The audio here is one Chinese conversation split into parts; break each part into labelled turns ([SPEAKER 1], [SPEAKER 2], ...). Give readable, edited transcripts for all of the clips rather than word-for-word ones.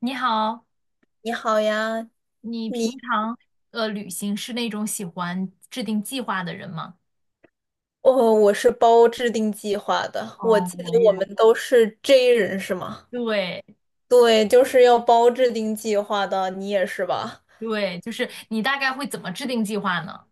[SPEAKER 1] 你好，
[SPEAKER 2] 你好呀，
[SPEAKER 1] 你平
[SPEAKER 2] 你
[SPEAKER 1] 常旅行是那种喜欢制定计划的人吗？
[SPEAKER 2] 哦，我是包制定计划的。我
[SPEAKER 1] 哦，
[SPEAKER 2] 记得
[SPEAKER 1] 我也
[SPEAKER 2] 我
[SPEAKER 1] 是
[SPEAKER 2] 们都是 J 人是吗？
[SPEAKER 1] 对
[SPEAKER 2] 对，就是要包制定计划的，你也是吧？
[SPEAKER 1] 对，就是你大概会怎么制定计划呢？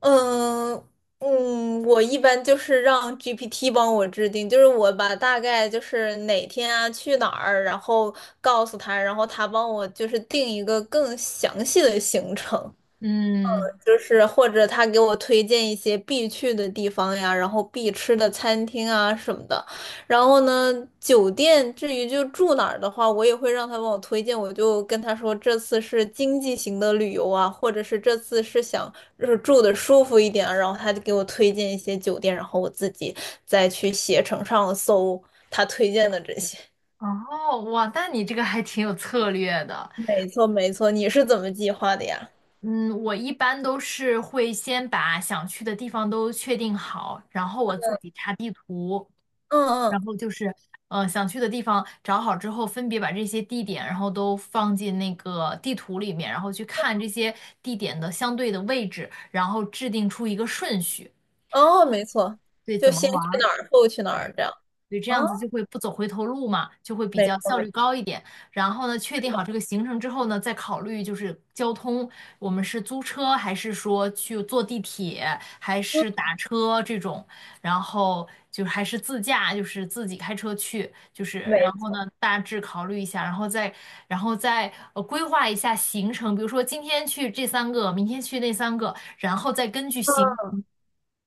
[SPEAKER 2] 嗯嗯，我一般就是让 GPT 帮我制定，就是我把大概就是哪天啊去哪儿，然后告诉他，然后他帮我就是定一个更详细的行程。
[SPEAKER 1] 嗯，
[SPEAKER 2] 就是或者他给我推荐一些必去的地方呀，然后必吃的餐厅啊什么的。然后呢，酒店至于就住哪儿的话，我也会让他帮我推荐。我就跟他说，这次是经济型的旅游啊，或者是这次是想就是住的舒服一点啊然后他就给我推荐一些酒店，然后我自己再去携程上搜他推荐的这些。
[SPEAKER 1] 哦，哇，那你这个还挺有策略的。
[SPEAKER 2] 没错，没错，你是怎么计划的呀？
[SPEAKER 1] 嗯，我一般都是会先把想去的地方都确定好，然后我自己查地图，
[SPEAKER 2] 嗯嗯，
[SPEAKER 1] 然后就是，想去的地方找好之后，分别把这些地点，然后都放进那个地图里面，然后去看这些地点的相对的位置，然后制定出一个顺序，
[SPEAKER 2] 哦，没错，
[SPEAKER 1] 对，
[SPEAKER 2] 就
[SPEAKER 1] 怎么
[SPEAKER 2] 先
[SPEAKER 1] 玩
[SPEAKER 2] 去
[SPEAKER 1] 儿，
[SPEAKER 2] 哪儿，后去哪儿
[SPEAKER 1] 对。
[SPEAKER 2] 这样。
[SPEAKER 1] 对，这
[SPEAKER 2] 啊。
[SPEAKER 1] 样子就会不走回头路嘛，就会比
[SPEAKER 2] 没
[SPEAKER 1] 较
[SPEAKER 2] 错，
[SPEAKER 1] 效
[SPEAKER 2] 没
[SPEAKER 1] 率
[SPEAKER 2] 错，
[SPEAKER 1] 高一点。然后呢，确定好这个行程之后呢，再考虑就是交通，我们是租车还是说去坐地铁，还是打车这种，然后就还是自驾，就是自己开车去，就是
[SPEAKER 2] 没
[SPEAKER 1] 然后呢，
[SPEAKER 2] 错，
[SPEAKER 1] 大致考虑一下，然后再然后再规划一下行程，比如说今天去这三个，明天去那三个，然后再根据行
[SPEAKER 2] 嗯，
[SPEAKER 1] 程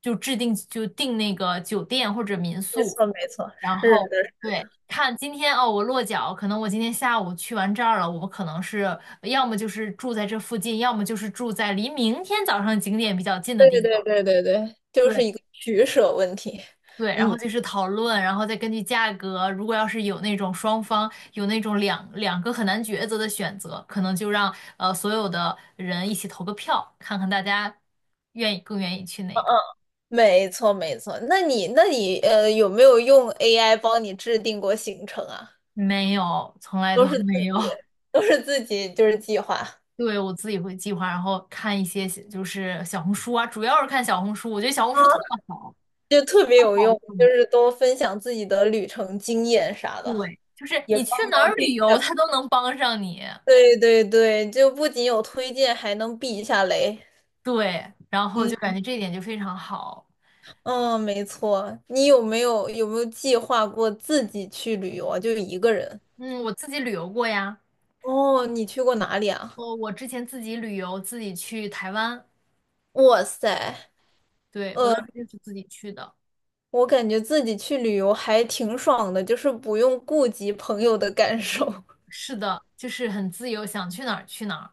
[SPEAKER 1] 就制定就定那个酒店或者民
[SPEAKER 2] 没
[SPEAKER 1] 宿。
[SPEAKER 2] 错，没错，
[SPEAKER 1] 然
[SPEAKER 2] 是
[SPEAKER 1] 后
[SPEAKER 2] 的，是
[SPEAKER 1] 对，
[SPEAKER 2] 的，
[SPEAKER 1] 看今天哦，我落脚，可能我今天下午去完这儿了，我可能是要么就是住在这附近，要么就是住在离明天早上景点比较近的
[SPEAKER 2] 对
[SPEAKER 1] 地
[SPEAKER 2] 对
[SPEAKER 1] 方。
[SPEAKER 2] 对对对，就是
[SPEAKER 1] 对
[SPEAKER 2] 一个取舍问题。
[SPEAKER 1] 对，然后
[SPEAKER 2] 嗯，
[SPEAKER 1] 就是讨论，然后再根据价格，如果要是有那种双方有那种两两个很难抉择的选择，可能就让所有的人一起投个票，看看大家愿意更愿意去哪个。
[SPEAKER 2] 没错，没错。那你，那你，有没有用 AI 帮你制定过行程啊？
[SPEAKER 1] 没有，从来都
[SPEAKER 2] 都是
[SPEAKER 1] 没
[SPEAKER 2] 自
[SPEAKER 1] 有。
[SPEAKER 2] 己，都是自己，就是计划，啊，
[SPEAKER 1] 对，我自己会计划，然后看一些就是小红书啊，主要是看小红书，我觉得小红书特好，
[SPEAKER 2] 就特别
[SPEAKER 1] 特
[SPEAKER 2] 有
[SPEAKER 1] 好
[SPEAKER 2] 用，就
[SPEAKER 1] 用。
[SPEAKER 2] 是多分享自己的旅程经验啥的，
[SPEAKER 1] 对，就是
[SPEAKER 2] 也
[SPEAKER 1] 你去
[SPEAKER 2] 帮
[SPEAKER 1] 哪
[SPEAKER 2] 忙
[SPEAKER 1] 儿
[SPEAKER 2] 避
[SPEAKER 1] 旅
[SPEAKER 2] 一下
[SPEAKER 1] 游，
[SPEAKER 2] 坑。
[SPEAKER 1] 它都能帮上你。
[SPEAKER 2] 对对对，就不仅有推荐，还能避一下雷。
[SPEAKER 1] 对，然后就感觉这一点就非常好。
[SPEAKER 2] 嗯，没错。你有没有计划过自己去旅游啊？就一个人？
[SPEAKER 1] 嗯，我自己旅游过呀，
[SPEAKER 2] 哦，你去过哪里啊？
[SPEAKER 1] 我之前自己旅游，自己去台湾，
[SPEAKER 2] 哇塞，
[SPEAKER 1] 对，我
[SPEAKER 2] 呃，
[SPEAKER 1] 当时就是自己去的。
[SPEAKER 2] 我感觉自己去旅游还挺爽的，就是不用顾及朋友的感受。
[SPEAKER 1] 是的，就是很自由，想去哪儿去哪儿，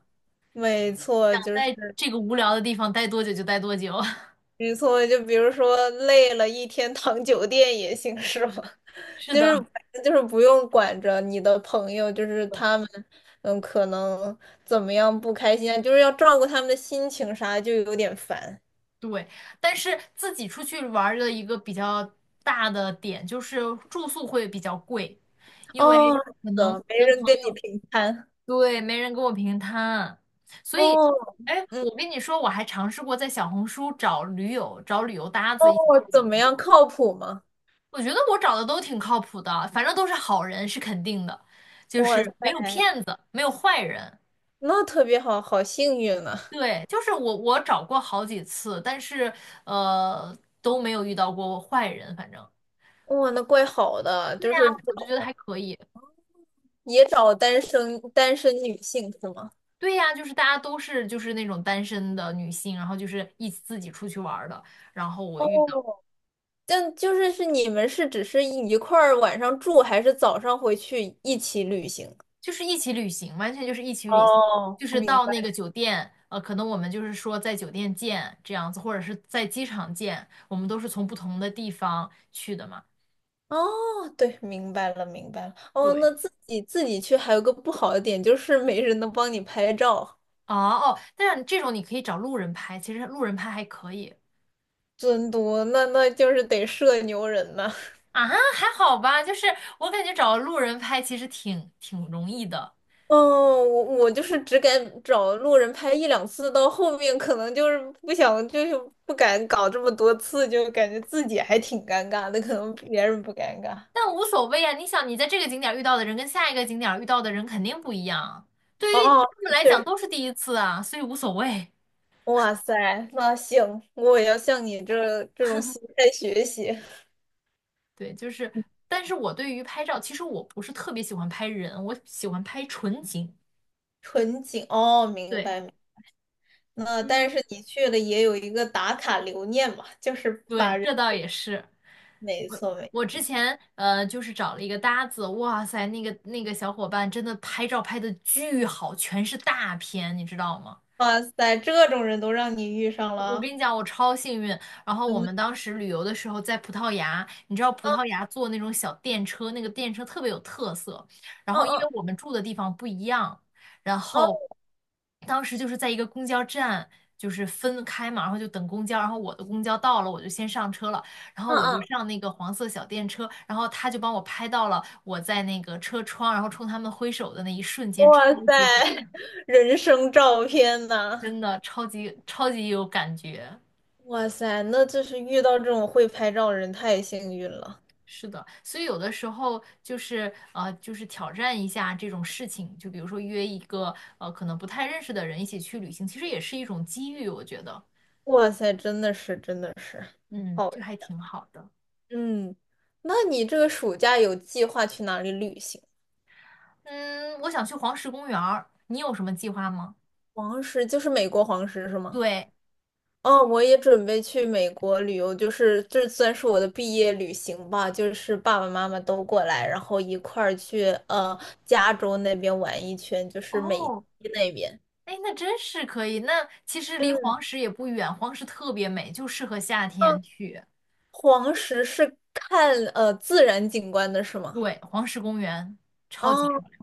[SPEAKER 2] 没错，
[SPEAKER 1] 想
[SPEAKER 2] 就
[SPEAKER 1] 在
[SPEAKER 2] 是
[SPEAKER 1] 这个无聊的地方待多久就待多久。
[SPEAKER 2] 没错。就比如说累了一天躺酒店也行，是吗？
[SPEAKER 1] 是
[SPEAKER 2] 就
[SPEAKER 1] 的。
[SPEAKER 2] 是就是不用管着你的朋友，就是他们，嗯，可能怎么样不开心啊，就是要照顾他们的心情啥，就有点烦。
[SPEAKER 1] 对，但是自己出去玩儿的一个比较大的点就是住宿会比较贵，因为
[SPEAKER 2] 哦，是
[SPEAKER 1] 可能
[SPEAKER 2] 的，没
[SPEAKER 1] 跟朋
[SPEAKER 2] 人跟你
[SPEAKER 1] 友，
[SPEAKER 2] 平摊
[SPEAKER 1] 对，没人跟我平摊，所以，
[SPEAKER 2] 哦，
[SPEAKER 1] 哎，
[SPEAKER 2] 嗯，
[SPEAKER 1] 我跟你说，我还尝试过在小红书找驴友，找旅游搭
[SPEAKER 2] 哦，
[SPEAKER 1] 子一起去
[SPEAKER 2] 怎
[SPEAKER 1] 玩儿
[SPEAKER 2] 么样，靠谱吗？
[SPEAKER 1] 我觉得我找的都挺靠谱的，反正都是好人是肯定的，就
[SPEAKER 2] 哇
[SPEAKER 1] 是
[SPEAKER 2] 塞，
[SPEAKER 1] 没有骗子，没有坏人。
[SPEAKER 2] 那特别好，好幸运啊！
[SPEAKER 1] 对，就是我,找过好几次，但是都没有遇到过坏人，反正。
[SPEAKER 2] 哇，那怪好的，
[SPEAKER 1] 对
[SPEAKER 2] 就
[SPEAKER 1] 呀，
[SPEAKER 2] 是
[SPEAKER 1] 我就觉得
[SPEAKER 2] 找
[SPEAKER 1] 还可以。
[SPEAKER 2] 也找单身女性是吗？
[SPEAKER 1] 对呀，就是大家都是就是那种单身的女性，然后就是一起自己出去玩儿的，然后我遇到
[SPEAKER 2] 哦，但就是是你们是只是一块儿晚上住，还是早上回去一起旅行？
[SPEAKER 1] 就是一起旅行，完全就是一起旅行，
[SPEAKER 2] 哦，
[SPEAKER 1] 就是
[SPEAKER 2] 明
[SPEAKER 1] 到那
[SPEAKER 2] 白。
[SPEAKER 1] 个酒店，可能我们就是说在酒店见这样子，或者是在机场见，我们都是从不同的地方去的嘛。
[SPEAKER 2] 哦，对，明白了，明白了。哦，
[SPEAKER 1] 对，
[SPEAKER 2] 那自己去还有个不好的点，就是没人能帮你拍照。
[SPEAKER 1] 哦，但是这种你可以找路人拍，其实路人拍还可以
[SPEAKER 2] 尊多，那那就是得社牛人呐。
[SPEAKER 1] 啊，还好吧，就是我感觉找路人拍其实挺容易的。
[SPEAKER 2] 哦，我就是只敢找路人拍一两次，到后面可能就是不想，就是不敢搞这么多次，就感觉自己还挺尴尬的，可能别人不尴尬。
[SPEAKER 1] 但无所谓啊，你想你在这个景点儿遇到的人跟下一个景点儿遇到的人肯定不一样，对于
[SPEAKER 2] 哦，
[SPEAKER 1] 他们
[SPEAKER 2] 那
[SPEAKER 1] 来
[SPEAKER 2] 确
[SPEAKER 1] 讲
[SPEAKER 2] 实，
[SPEAKER 1] 都是第一次啊，所以无所谓。
[SPEAKER 2] 哇塞，那行，我也要向你这种心态学习。
[SPEAKER 1] 对，就是，但是我对于拍照，其实我不是特别喜欢拍人，我喜欢拍纯景。
[SPEAKER 2] 纯景，哦，明
[SPEAKER 1] 对，
[SPEAKER 2] 白明白。那但
[SPEAKER 1] 嗯，
[SPEAKER 2] 是你去了也有一个打卡留念嘛，就是把
[SPEAKER 1] 对，
[SPEAKER 2] 人，
[SPEAKER 1] 这倒也是。
[SPEAKER 2] 没
[SPEAKER 1] 我
[SPEAKER 2] 错没
[SPEAKER 1] 我
[SPEAKER 2] 错。
[SPEAKER 1] 之前就是找了一个搭子，哇塞，那个小伙伴真的拍照拍的巨好，全是大片，你知道吗？
[SPEAKER 2] 哇塞，这种人都让你遇上
[SPEAKER 1] 我跟
[SPEAKER 2] 了。
[SPEAKER 1] 你讲，我超幸运。然后我们
[SPEAKER 2] 嗯
[SPEAKER 1] 当时旅游的时候在葡萄牙，你知道葡萄
[SPEAKER 2] 嗯
[SPEAKER 1] 牙坐那种小电车，那个电车特别有特色。然后因为
[SPEAKER 2] 嗯
[SPEAKER 1] 我们住的地方不一样，然后
[SPEAKER 2] 嗯
[SPEAKER 1] 当时就是在一个公交站，就是分开嘛，然后就等公交。然后我的公交到了，我就先上车了，然后
[SPEAKER 2] 嗯
[SPEAKER 1] 我就
[SPEAKER 2] 嗯，
[SPEAKER 1] 上那个黄色小电车，然后他就帮我拍到了我在那个车窗，然后冲他们挥手的那一瞬间，超
[SPEAKER 2] 哇塞，
[SPEAKER 1] 级好，
[SPEAKER 2] 人生照片呐！
[SPEAKER 1] 真的超级超级有感觉。
[SPEAKER 2] 哇塞，那就是遇到这种会拍照的人太幸运了。
[SPEAKER 1] 是的，所以有的时候就是就是挑战一下这种事情，就比如说约一个可能不太认识的人一起去旅行，其实也是一种机遇，我觉得，
[SPEAKER 2] 哇塞，真的是，真的是，
[SPEAKER 1] 嗯，
[SPEAKER 2] 好，
[SPEAKER 1] 这还挺好的。
[SPEAKER 2] 嗯，那你这个暑假有计划去哪里旅行？
[SPEAKER 1] 嗯，我想去黄石公园儿，你有什么计划吗？
[SPEAKER 2] 黄石就是美国黄石是吗？
[SPEAKER 1] 对，
[SPEAKER 2] 哦，我也准备去美国旅游，就是这算是我的毕业旅行吧，就是爸爸妈妈都过来，然后一块儿去加州那边玩一圈，就是美西
[SPEAKER 1] 哦，
[SPEAKER 2] 那边。
[SPEAKER 1] 哎，那真是可以。那其实离
[SPEAKER 2] 嗯
[SPEAKER 1] 黄石也不远，黄石特别美，就适合夏
[SPEAKER 2] 嗯，
[SPEAKER 1] 天去。
[SPEAKER 2] 黄石是看自然景观的是吗？
[SPEAKER 1] 对，黄石公园超级
[SPEAKER 2] 哦，
[SPEAKER 1] 漂亮。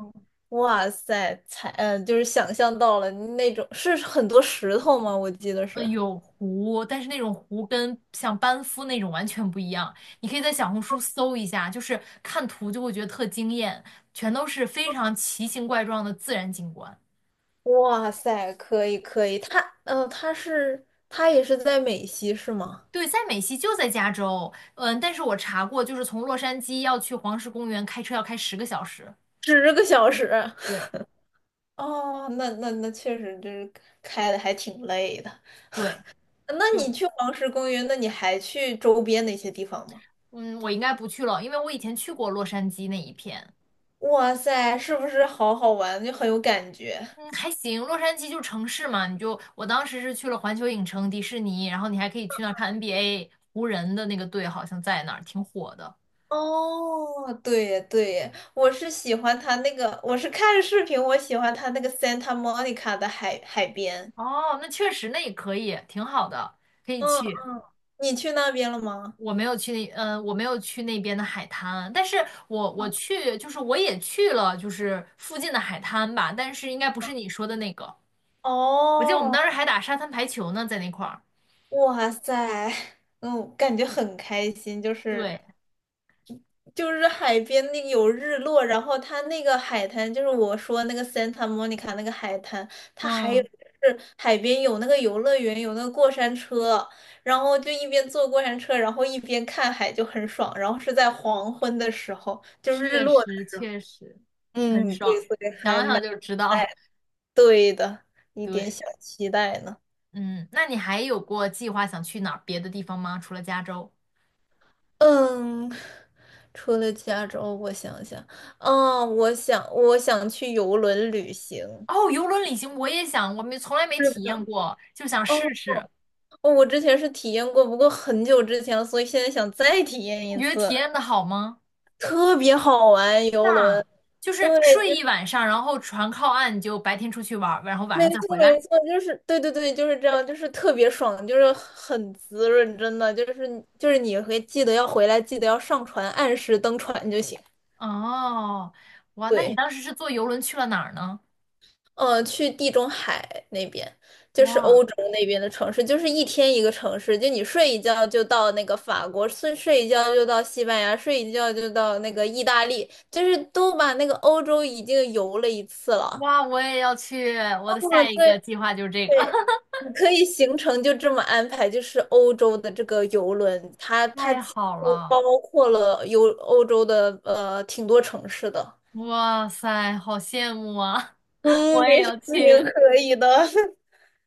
[SPEAKER 2] 哇塞，才嗯就是想象到了那种是很多石头吗？我记得是。
[SPEAKER 1] 有湖，但是那种湖跟像班夫那种完全不一样。你可以在小红书搜一下，就是看图就会觉得特惊艳，全都是非常奇形怪状的自然景观。
[SPEAKER 2] 哇塞，可以可以，他嗯他是他也是在美西是吗？
[SPEAKER 1] 对，在美西就在加州，嗯，但是我查过，就是从洛杉矶要去黄石公园，开车要开10个小时。
[SPEAKER 2] 十个小时。
[SPEAKER 1] 对
[SPEAKER 2] 哦，那确实，就是开的还挺累的。
[SPEAKER 1] 对，
[SPEAKER 2] 那你
[SPEAKER 1] 就
[SPEAKER 2] 去黄石公园，那你还去周边那些地方吗？
[SPEAKER 1] 嗯，我应该不去了，因为我以前去过洛杉矶那一片。
[SPEAKER 2] 哇塞，是不是好好玩，就很有感觉？
[SPEAKER 1] 嗯，还行，洛杉矶就城市嘛，你就我当时是去了环球影城、迪士尼，然后你还可以去那儿看 NBA，湖人的那个队好像在那儿，挺火的。
[SPEAKER 2] 哦，对耶对耶，我是喜欢它那个，我是看视频，我喜欢它那个 Santa Monica 的海边。
[SPEAKER 1] 哦，那确实，那也可以，挺好的，可以
[SPEAKER 2] 嗯
[SPEAKER 1] 去。
[SPEAKER 2] 嗯，你去那边了吗？
[SPEAKER 1] 我没有去那，我没有去那边的海滩，但是我
[SPEAKER 2] 嗯
[SPEAKER 1] 去，就是我也去了，就是附近的海滩吧，但是应该不是你说的那个。我记得我们
[SPEAKER 2] 哦，
[SPEAKER 1] 当时还打沙滩排球呢，在那块儿。
[SPEAKER 2] 哇塞，嗯，感觉很开心，就是
[SPEAKER 1] 对，
[SPEAKER 2] 就是海边那个有日落，然后它那个海滩，就是我说那个 Santa Monica 那个海滩，它还有
[SPEAKER 1] 嗯，
[SPEAKER 2] 就是海边有那个游乐园，有那个过山车，然后就一边坐过山车，然后一边看海就很爽，然后是在黄昏的时候，就日
[SPEAKER 1] 确
[SPEAKER 2] 落的
[SPEAKER 1] 实确实很
[SPEAKER 2] 嗯，对，
[SPEAKER 1] 爽，
[SPEAKER 2] 所以还
[SPEAKER 1] 想想
[SPEAKER 2] 蛮
[SPEAKER 1] 就知道。
[SPEAKER 2] 对的，一点
[SPEAKER 1] 对，
[SPEAKER 2] 小期待呢。
[SPEAKER 1] 嗯，那你还有过计划想去哪儿别的地方吗？除了加州？
[SPEAKER 2] 嗯，除了加州，我想想，嗯，我想去游轮旅行。
[SPEAKER 1] 哦，游轮旅行我也想，我没从来没
[SPEAKER 2] 是
[SPEAKER 1] 体
[SPEAKER 2] 的，
[SPEAKER 1] 验过，就想试
[SPEAKER 2] 哦，
[SPEAKER 1] 试。
[SPEAKER 2] 哦，我之前是体验过，不过很久之前了，所以现在想再体验
[SPEAKER 1] 你
[SPEAKER 2] 一
[SPEAKER 1] 觉得
[SPEAKER 2] 次，
[SPEAKER 1] 体验的好吗？
[SPEAKER 2] 特别好玩，游
[SPEAKER 1] 那
[SPEAKER 2] 轮。
[SPEAKER 1] 就
[SPEAKER 2] 对，
[SPEAKER 1] 是睡一
[SPEAKER 2] 就
[SPEAKER 1] 晚上，然后船靠岸，你就白天出去玩儿，然后晚
[SPEAKER 2] 没
[SPEAKER 1] 上再
[SPEAKER 2] 错
[SPEAKER 1] 回来。
[SPEAKER 2] 没错，就是对对对，就是这样，就是特别爽，就是很滋润，真的，就是你会记得要回来，记得要上船，按时登船就行。
[SPEAKER 1] 哦，哇，那你
[SPEAKER 2] 对。
[SPEAKER 1] 当时是坐游轮去了哪儿呢？
[SPEAKER 2] 去地中海那边，就是
[SPEAKER 1] 哇
[SPEAKER 2] 欧洲那边的城市，就是一天一个城市，就你睡一觉就到那个法国，睡一觉就到西班牙，睡一觉就到那个意大利，就是都把那个欧洲已经游了一次了。
[SPEAKER 1] 哇，我也要去，我的
[SPEAKER 2] 嗯，
[SPEAKER 1] 下一个
[SPEAKER 2] 对，
[SPEAKER 1] 计划就是这个，
[SPEAKER 2] 你可以行程就这么安排，就是欧洲的这个游轮，它
[SPEAKER 1] 太
[SPEAKER 2] 几
[SPEAKER 1] 好
[SPEAKER 2] 乎
[SPEAKER 1] 了，
[SPEAKER 2] 包括了游欧洲的挺多城市的。
[SPEAKER 1] 哇塞，好羡慕啊！
[SPEAKER 2] 嗯，
[SPEAKER 1] 我也
[SPEAKER 2] 没事，
[SPEAKER 1] 要去，
[SPEAKER 2] 你可以的。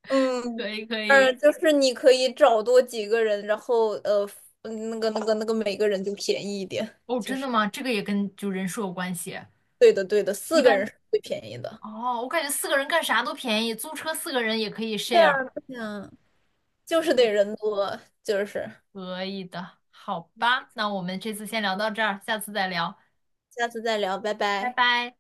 [SPEAKER 2] 嗯，
[SPEAKER 1] 可以可以。
[SPEAKER 2] 就是你可以找多几个人，然后那个，每个人就便宜一点，
[SPEAKER 1] 哦，
[SPEAKER 2] 就
[SPEAKER 1] 真
[SPEAKER 2] 是
[SPEAKER 1] 的吗？这个也跟就人数有关系。
[SPEAKER 2] 对的对的，
[SPEAKER 1] 一
[SPEAKER 2] 四个
[SPEAKER 1] 般
[SPEAKER 2] 人是最便宜的。
[SPEAKER 1] 哦，我感觉四个人干啥都便宜，租车四个人也可以
[SPEAKER 2] 对啊，
[SPEAKER 1] share。
[SPEAKER 2] 对啊，就是得人多，就是
[SPEAKER 1] 可以的，好吧，那我们这次先聊到这儿，下次再聊，
[SPEAKER 2] 下次再聊，拜
[SPEAKER 1] 拜
[SPEAKER 2] 拜。
[SPEAKER 1] 拜。